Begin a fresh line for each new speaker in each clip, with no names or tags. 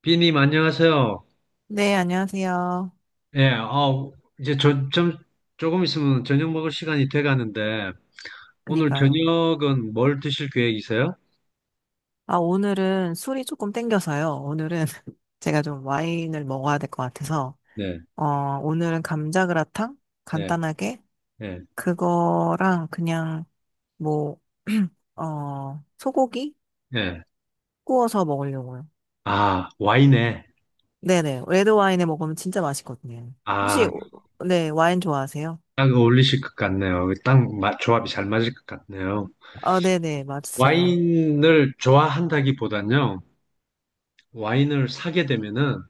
비님, 안녕하세요.
네, 안녕하세요.
예, 이제 저, 좀, 조금 있으면 저녁 먹을 시간이 돼 가는데, 오늘
그니까요.
저녁은 뭘 드실 계획이세요?
아, 오늘은 술이 조금 땡겨서요. 오늘은 제가 좀 와인을 먹어야 될 것 같아서,
네,
어, 오늘은 감자그라탕?
네,
간단하게?
네,
그거랑 그냥 뭐, 소고기?
네.
구워서 먹으려고요.
아, 와인에.
네네. 레드 와인에 먹으면 진짜 맛있거든요. 혹시,
아,
네, 와인 좋아하세요?
딱 어울리실 것 같네요. 딱 조합이 잘 맞을 것 같네요.
아, 네네. 맛있어요.
와인을 좋아한다기보단요, 와인을 사게 되면은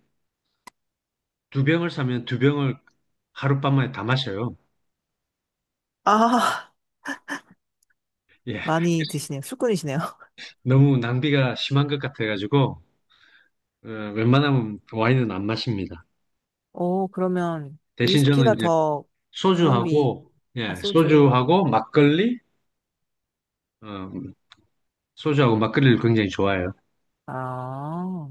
두 병을 사면 두 병을 하룻밤만에 다 마셔요.
아,
예,
많이 드시네요. 술꾼이시네요.
너무 낭비가 심한 것 같아가지고, 웬만하면 그 와인은 안 마십니다.
오, 그러면
대신 저는
위스키가
이제
더 가성비,
소주하고,
아,
예,
소주.
소주하고 막걸리, 어, 소주하고 막걸리를 굉장히 좋아해요.
아,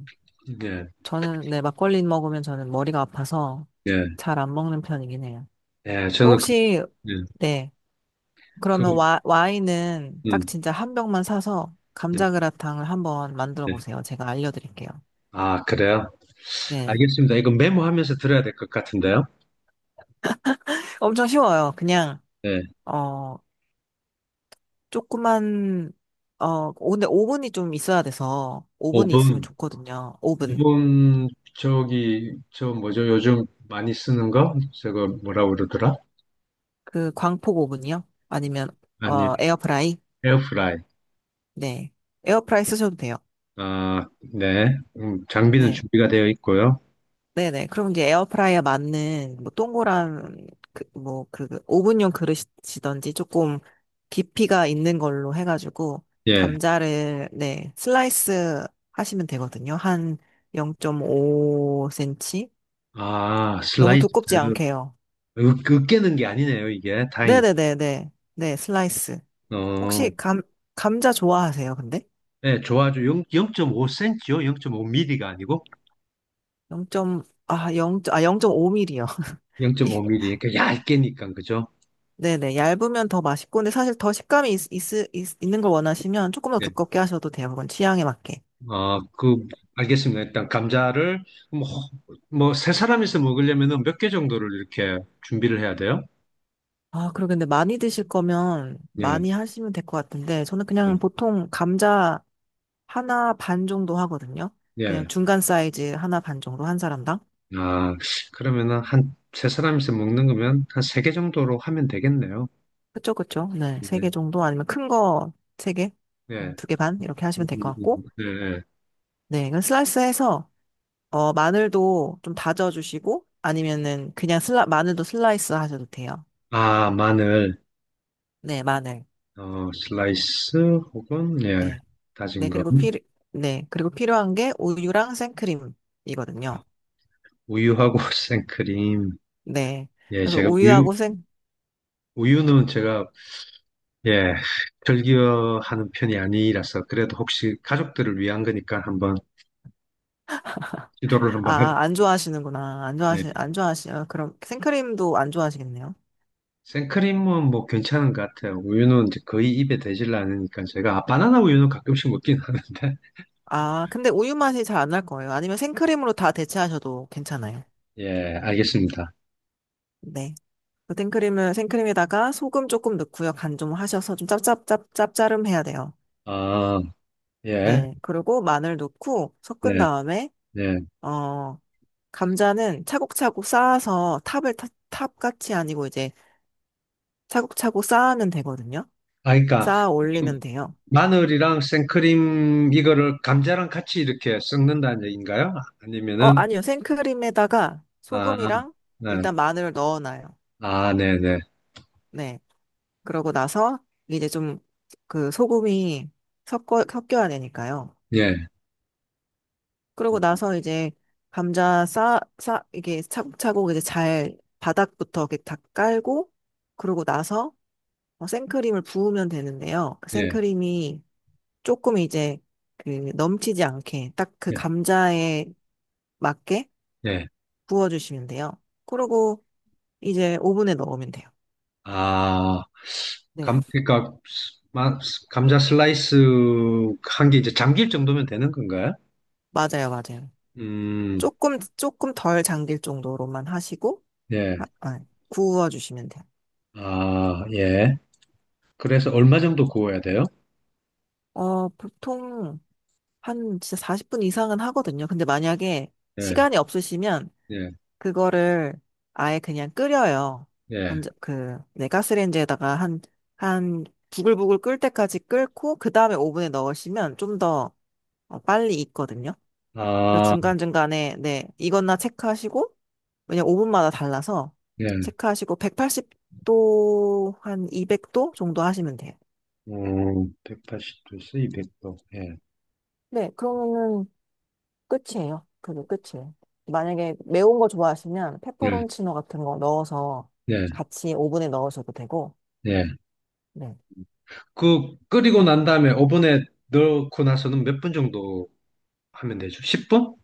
예,
저는, 네, 막걸리 먹으면 저는 머리가 아파서
예,
잘 안 먹는 편이긴 해요.
예,
어,
저는 그,
혹시,
예,
네, 그러면
그,
와인은 딱
음,
진짜 한 병만 사서
예,
감자그라탕을 한번 만들어
예.
보세요. 제가 알려드릴게요.
아, 그래요?
네.
알겠습니다. 이거 메모하면서 들어야 될 것 같은데요.
엄청 쉬워요. 그냥,
예,
어, 조그만, 어, 근데 오븐이 좀 있어야 돼서,
오
오븐이 있으면
분
좋거든요.
오
오븐.
분. 저기, 저 뭐죠? 요즘 많이 쓰는 거? 저거 뭐라고 그러더라?
그 광폭 오븐이요? 아니면
아니,
어 에어프라이?
에어프라이.
네. 에어프라이 쓰셔도 돼요.
아, 네. 장비는
네.
준비가 되어 있고요.
네네. 그럼 이제 에어프라이에 맞는 뭐 동그란 그뭐그 오븐용 그릇이든지 조금 깊이가 있는 걸로 해가지고
예.
감자를 네 슬라이스 하시면 되거든요. 한 0.5cm
아,
너무
슬라이스.
두껍지 않게요.
으, 으깨는 게 아니네요, 이게. 다행이다.
네네네네. 네 슬라이스.
어,
혹시 감 감자 좋아하세요? 근데
네, 좋아요. 0, 5 c m 요. 0.5mm가 아니고?
0. 아, 0, 아, 0.5mm요. 이-
0.5mm. 그러니까 얇게니까, 그죠?
네네, 얇으면 더 맛있고, 근데 사실 더 식감이 있는 걸 원하시면 조금 더
네.
두껍게 하셔도 돼요. 그건 취향에 맞게.
어, 그, 알겠습니다. 일단, 감자를, 뭐, 뭐, 세 사람이서 먹으려면 몇 개 정도를 이렇게 준비를 해야 돼요?
아, 그러겠데 많이 드실 거면
예,
많이 하시면 될 것 같은데, 저는
예.
그냥 보통 감자 하나 반 정도 하거든요. 그냥
예.
중간 사이즈 하나 반 정도 한 사람당.
아, 그러면은 한, 세 사람이서 먹는 거면 한 세 개 정도로 하면 되겠네요.
그쵸, 그쵸. 네, 세 개
예,
정도 아니면 큰 거 세 개,
예.
두개 반 이렇게 하시면 될 것 같고,
예, 예.
네, 이건 슬라이스해서 어, 마늘도 좀 다져주시고, 아니면은 그냥 마늘도 슬라이스 하셔도 돼요.
아, 마늘.
네, 마늘.
어, 슬라이스 혹은 예,
네.
다진
네,
거.
그리고 필요, 네, 그리고 필요한 게 우유랑 생크림이거든요.
우유하고 생크림.
네.
예,
그래서
제가 우유, 우유는 제가, 예, 즐겨하는 편이 아니라서 그래도 혹시 가족들을 위한 거니까 한번 시도를 한번 해.
아, 안 좋아하시는구나. 안
예.
좋아하시, 안 좋아하시, 아, 그럼 생크림도 안 좋아하시겠네요.
생크림은 뭐 괜찮은 것 같아요. 우유는 이제 거의 입에 대질 않으니까 제가, 아, 바나나 우유는 가끔씩 먹긴 하는데.
아, 근데 우유 맛이 잘 안 날 거예요. 아니면 생크림으로 다 대체하셔도 괜찮아요.
예, 알겠습니다.
네. 그 생크림에다가 소금 조금 넣고요. 간 좀 하셔서 좀 짭짜름 해야 돼요.
아, 예,
네. 그리고 마늘 넣고 섞은
예,
다음에,
예.
어, 감자는 차곡차곡 쌓아서 탑같이 아니고 이제 차곡차곡 쌓으면 되거든요.
아, 그러니까
쌓아 올리면 돼요.
마늘이랑 생크림 이거를 감자랑 같이 이렇게 섞는다는 얘기인가요?
어,
아니면은
아니요. 생크림에다가
아,
소금이랑
네.
일단 마늘을 넣어놔요.
아, 네, 네.
네. 그러고 나서 이제 좀 그 소금이 섞여야 되니까요.
예.
그러고 나서 이제 이게 차곡차곡 이제 잘 바닥부터 이렇게 다 깔고 그러고 나서 어, 생크림을 부으면 되는데요. 그
예.
생크림이 조금 이제 그 넘치지 않게 딱 그
예.
감자에 맞게
예.
부어주시면 돼요. 그러고 이제 오븐에 넣으면 돼요.
아,
네,
감 그러니까 마- 감자 슬라이스 한 게 이제 잠길 정도면 되는 건가요?
맞아요, 맞아요.
음.
조금 조금 덜 잠길 정도로만 하시고
예.
아, 구워주시면 돼요.
아, 예. 그래서 얼마 정도 구워야 돼요?
어, 보통 한 진짜 40분 이상은 하거든요. 근데 만약에
예.
시간이 없으시면
예.
그거를 아예 그냥 끓여요.
예.
네, 가스레인지에다가 한, 부글부글 끓을 때까지 끓고, 그 다음에 오븐에 넣으시면 좀더 어, 빨리 익거든요. 그래서
아,
중간중간에, 네, 이거나 체크하시고, 왜냐면 오븐마다 달라서,
예.
체크하시고, 180도, 한 200도 정도 하시면 돼요.
180도에서 200도. 예.
네, 그러면은 끝이에요. 그게 끝이에요. 만약에 매운 거 좋아하시면
예.
페퍼론치노 같은 거 넣어서
예.
같이 오븐에 넣으셔도 되고,
예.
네.
그 끓이고 난 다음에 오븐에 넣고 나서는 몇 분 정도 하면 되죠? 10분?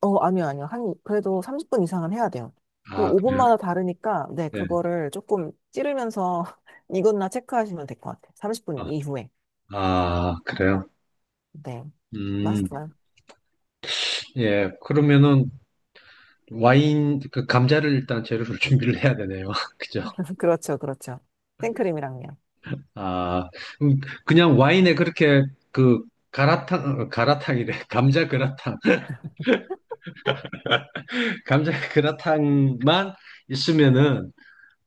어, 아니요. 한, 그래도 30분 이상은 해야 돼요. 그
아, 그래요?
5분마다 다르니까, 네,
예.
그거를 조금 찌르면서 익었나 체크하시면 될 것 같아요. 30분
아,
이후에.
아, 그래요?
네.
음,
맛있어요.
예. 그러면은 와인, 그 감자를 일단 재료를 준비를 해야 되네요. 그죠?
그렇죠, 그렇죠. 생크림이랑요.
아, 음, 그냥 와인에 그렇게 그 가라탕, 어, 가라탕이래. 감자 그라탕. 감자 그라탕만 있으면은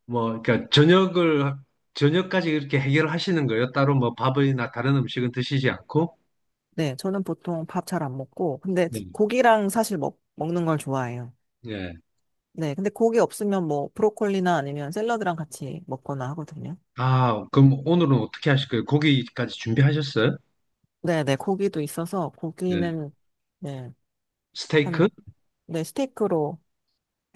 뭐, 그러니까 저녁을, 저녁까지 이렇게 해결하시는 거예요? 따로 뭐 밥이나 다른 음식은 드시지 않고?
네, 저는 보통 밥 잘 안 먹고, 근데
네.
고기랑 사실 먹는 걸 좋아해요.
예.
네, 근데 고기 없으면 뭐 브로콜리나 아니면 샐러드랑 같이 먹거나 하거든요.
아, 그럼 오늘은 어떻게 하실 거예요? 고기까지 준비하셨어요?
네, 네, 고기도 있어서
네.
고기는 네,
스테이크?
한, 네, 스테이크로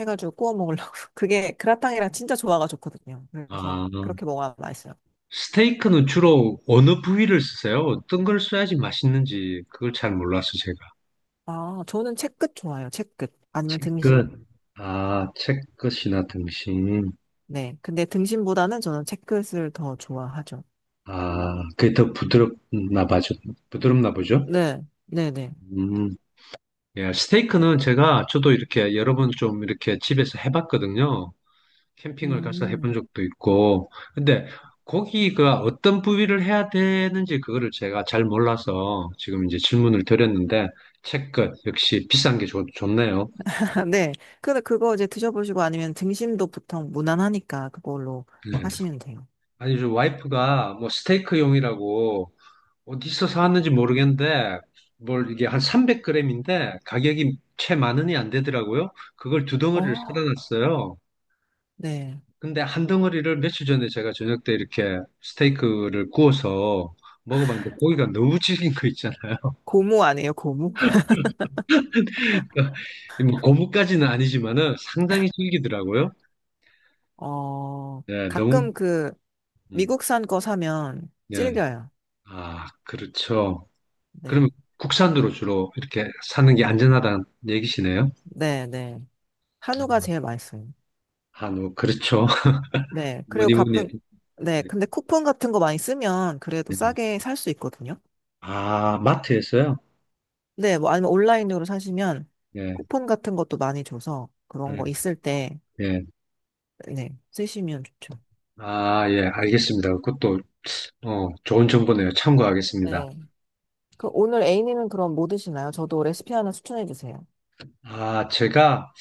해가지고 구워 먹으려고. 그게 그라탕이랑 진짜 조화가 좋거든요. 그래서
아,
그렇게 먹어야 맛있어요.
스테이크는 주로 어느 부위를 쓰세요? 어떤 걸 써야지 맛있는지 그걸 잘 몰라서 제가.
아, 저는 채끝 좋아요. 채끝. 아니면 등심.
채끝. 아, 채끝이나 등심.
네. 근데 등심보다는 저는 채끝을 더 좋아하죠.
아, 그게 더 부드럽나 봐죠. 부드럽나 보죠?
네. 네네.
음. 예, 스테이크는 제가 저도 이렇게 여러 번 좀 이렇게 집에서 해봤거든요. 캠핑을 가서
음.
해본 적도 있고. 근데 고기가 어떤 부위를 해야 되는지 그거를 제가 잘 몰라서 지금 이제 질문을 드렸는데 채끝 역시 비싼 게 좋네요.
네. 근데 그거 이제 드셔보시고 아니면 등심도 보통 무난하니까 그걸로
네.
하시면 돼요.
아니, 저 와이프가 뭐 스테이크용이라고 어디서 사왔는지 모르겠는데 뭘 이게 한 300g인데 가격이 채 만 원이 안 되더라고요. 그걸 두 덩어리를 사다
어.
놨어요.
네.
근데 한 덩어리를 며칠 전에 제가 저녁 때 이렇게 스테이크를 구워서 먹어봤는데 고기가 너무 질긴 거 있잖아요.
고무 아니에요, 고무?
뭐 고무까지는 아니지만은 상당히 질기더라고요.
어,
예, 너무
가끔 그
음,
미국산 거 사면
예.
질겨요.
아, 그렇죠.
네.
그러면 국산으로 주로 이렇게 사는 게 안전하다는 얘기시네요.
네, 네. 한우가
음,
제일 맛있어요.
한우, 그렇죠.
네. 그리고
뭐니 뭐니
가끔,
해도.
네. 근데 쿠폰 같은 거 많이 쓰면 그래도
예.
싸게 살 수 있거든요.
아, 마트에서요?
네. 뭐 아니면 온라인으로 사시면
예,
쿠폰 같은 것도 많이 줘서 그런
예,
거 있을 때,
예.
네. 쓰시면 좋죠.
아, 예, 알겠습니다. 그것도, 좋은 정보네요. 참고하겠습니다.
네. 그 오늘 A님은 그럼 뭐 드시나요? 저도 레시피 하나 추천해 주세요.
아, 제가,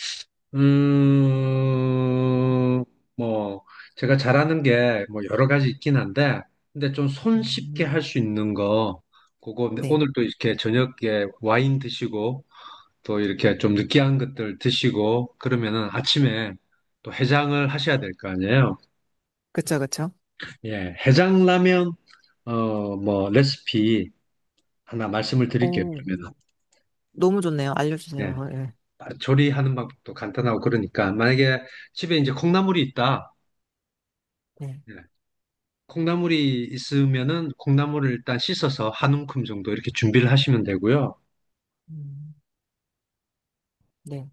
음, 뭐, 제가 잘하는 게 뭐 여러 가지 있긴 한데, 근데 좀 손쉽게 할
음.
수 있는 거, 그거 근데
네.
오늘 또 이렇게 저녁에 와인 드시고, 또 이렇게 좀 느끼한 것들 드시고, 그러면은 아침에 또 해장을 하셔야 될 거 아니에요?
그쵸, 그쵸.
예, 해장라면, 레시피 하나 말씀을 드릴게요,
오,
그러면은.
너무 좋네요.
예,
알려주세요. 네.
아, 조리하는 방법도 간단하고 그러니까, 만약에 집에 이제 콩나물이 있다.
네.
네. 콩나물이 있으면은 콩나물을 일단 씻어서 한 움큼 정도 이렇게 준비를 하시면 되고요.
음, 네.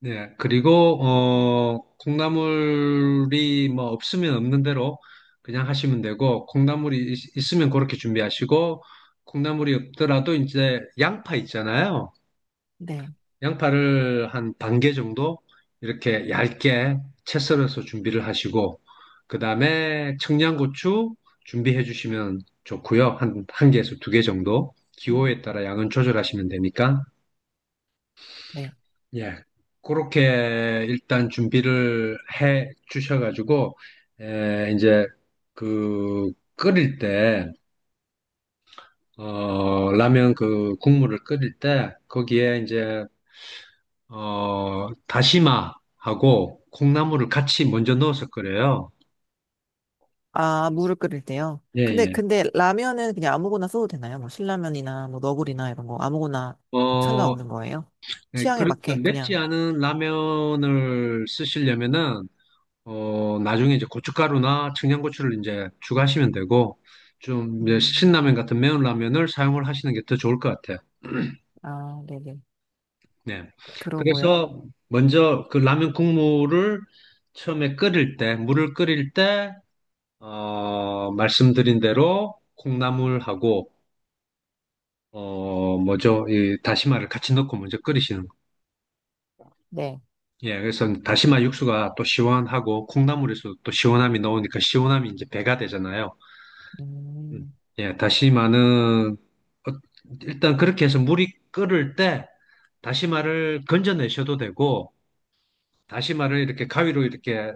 네. 그리고 콩나물이 뭐 없으면 없는 대로 그냥 하시면 되고, 콩나물이 있으면 그렇게 준비하시고, 콩나물이 없더라도 이제 양파 있잖아요.
네.
양파를 한 반개 정도 이렇게 얇게 채 썰어서 준비를 하시고, 그 다음에 청양고추 준비해 주시면 좋고요. 한, 한 개에서 두 개 정도.
음,
기호에 따라 양은 조절하시면 되니까.
네.
예. 그렇게 일단 준비를 해 주셔가지고, 이제 그 끓일 때, 라면 그 국물을 끓일 때, 거기에 이제 다시마하고 콩나물을 같이 먼저 넣어서 끓여요.
아, 물을 끓일 때요.
예, 예.
근데 라면은 그냥 아무거나 써도 되나요? 뭐 신라면이나 뭐 너구리나 이런 거 아무거나
어,
상관없는 거예요?
네,
취향에
그러니까
맞게
맵지
그냥.
않은 라면을 쓰시려면은, 나중에 이제 고춧가루나 청양고추를 이제 추가하시면 되고, 좀 이제
음,
신라면 같은 매운 라면을 사용을 하시는 게 더 좋을 것 같아요.
아, 네네.
네.
그러고요.
그래서 먼저 그 라면 국물을 처음에 끓일 때, 물을 끓일 때, 말씀드린 대로 콩나물하고 어, 뭐죠? 이 다시마를 같이 넣고 먼저 끓이시는 거.
네.
예, 그래서 다시마 육수가 또 시원하고 콩나물에서 또 시원함이 나오니까 시원함이 이제 배가 되잖아요. 음.
음,
예, 다시마는 일단 그렇게 해서 물이 끓을 때 다시마를 건져내셔도 되고 다시마를 이렇게 가위로 이렇게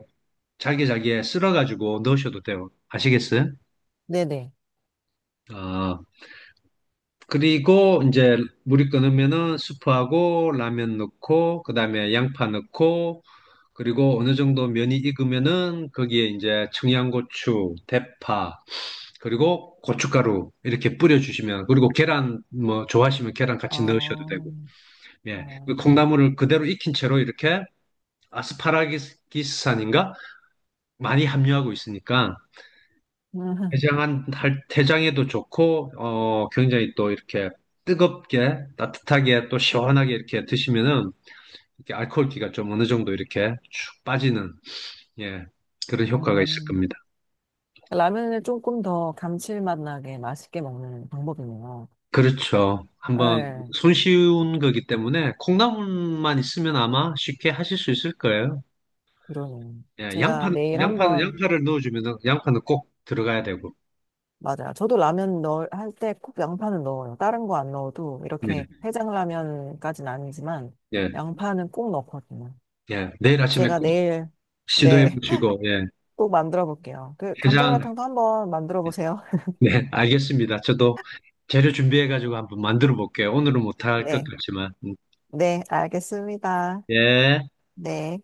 잘게 잘게 쓸어가지고 넣으셔도 돼요. 아시겠어요?
네네.
아. 그리고 이제 물이 끓으면은 수프하고 라면 넣고 그다음에 양파 넣고 그리고 어느 정도 면이 익으면은 거기에 이제 청양고추, 대파, 그리고 고춧가루 이렇게 뿌려주시면, 그리고 계란 뭐 좋아하시면 계란 같이 넣으셔도
어,
되고. 예. 그
어,
콩나물을 그대로 익힌 채로 이렇게 아스파라기스산인가 많이 함유하고 있으니까 대장한 할 대장에도 좋고, 어 굉장히 또 이렇게 뜨겁게 따뜻하게 또 시원하게 이렇게 드시면은 이렇게 알코올기가 좀 어느 정도 이렇게 쭉 빠지는, 예, 그런
음,
효과가 있을
음.
겁니다.
라면을 조금 더 감칠맛 나게 맛있게 먹는 방법이네요.
그렇죠. 한번
네,
손쉬운 거기 때문에 콩나물만 있으면 아마 쉽게 하실 수 있을 거예요.
그러네요.
예,
제가
양파는
내일
양파는
한번
양파를 넣어주면은 양파는 꼭 들어가야 되고.
맞아요. 저도 라면 넣을 할 때 꼭 양파는 넣어요. 다른 거 안 넣어도
네,
이렇게 해장라면까지는 아니지만
예,
양파는 꼭 넣거든요.
예. 내일 아침에
제가
꼭
내일
시도해
네,
보시고, 예,
꼭 만들어 볼게요. 그
해장.
감자그라탕도 한번 만들어 보세요.
네, 알겠습니다. 저도 재료 준비해가지고 한번 만들어 볼게요. 오늘은 못할 것
네.
같지만.
네, 알겠습니다.
예.
네.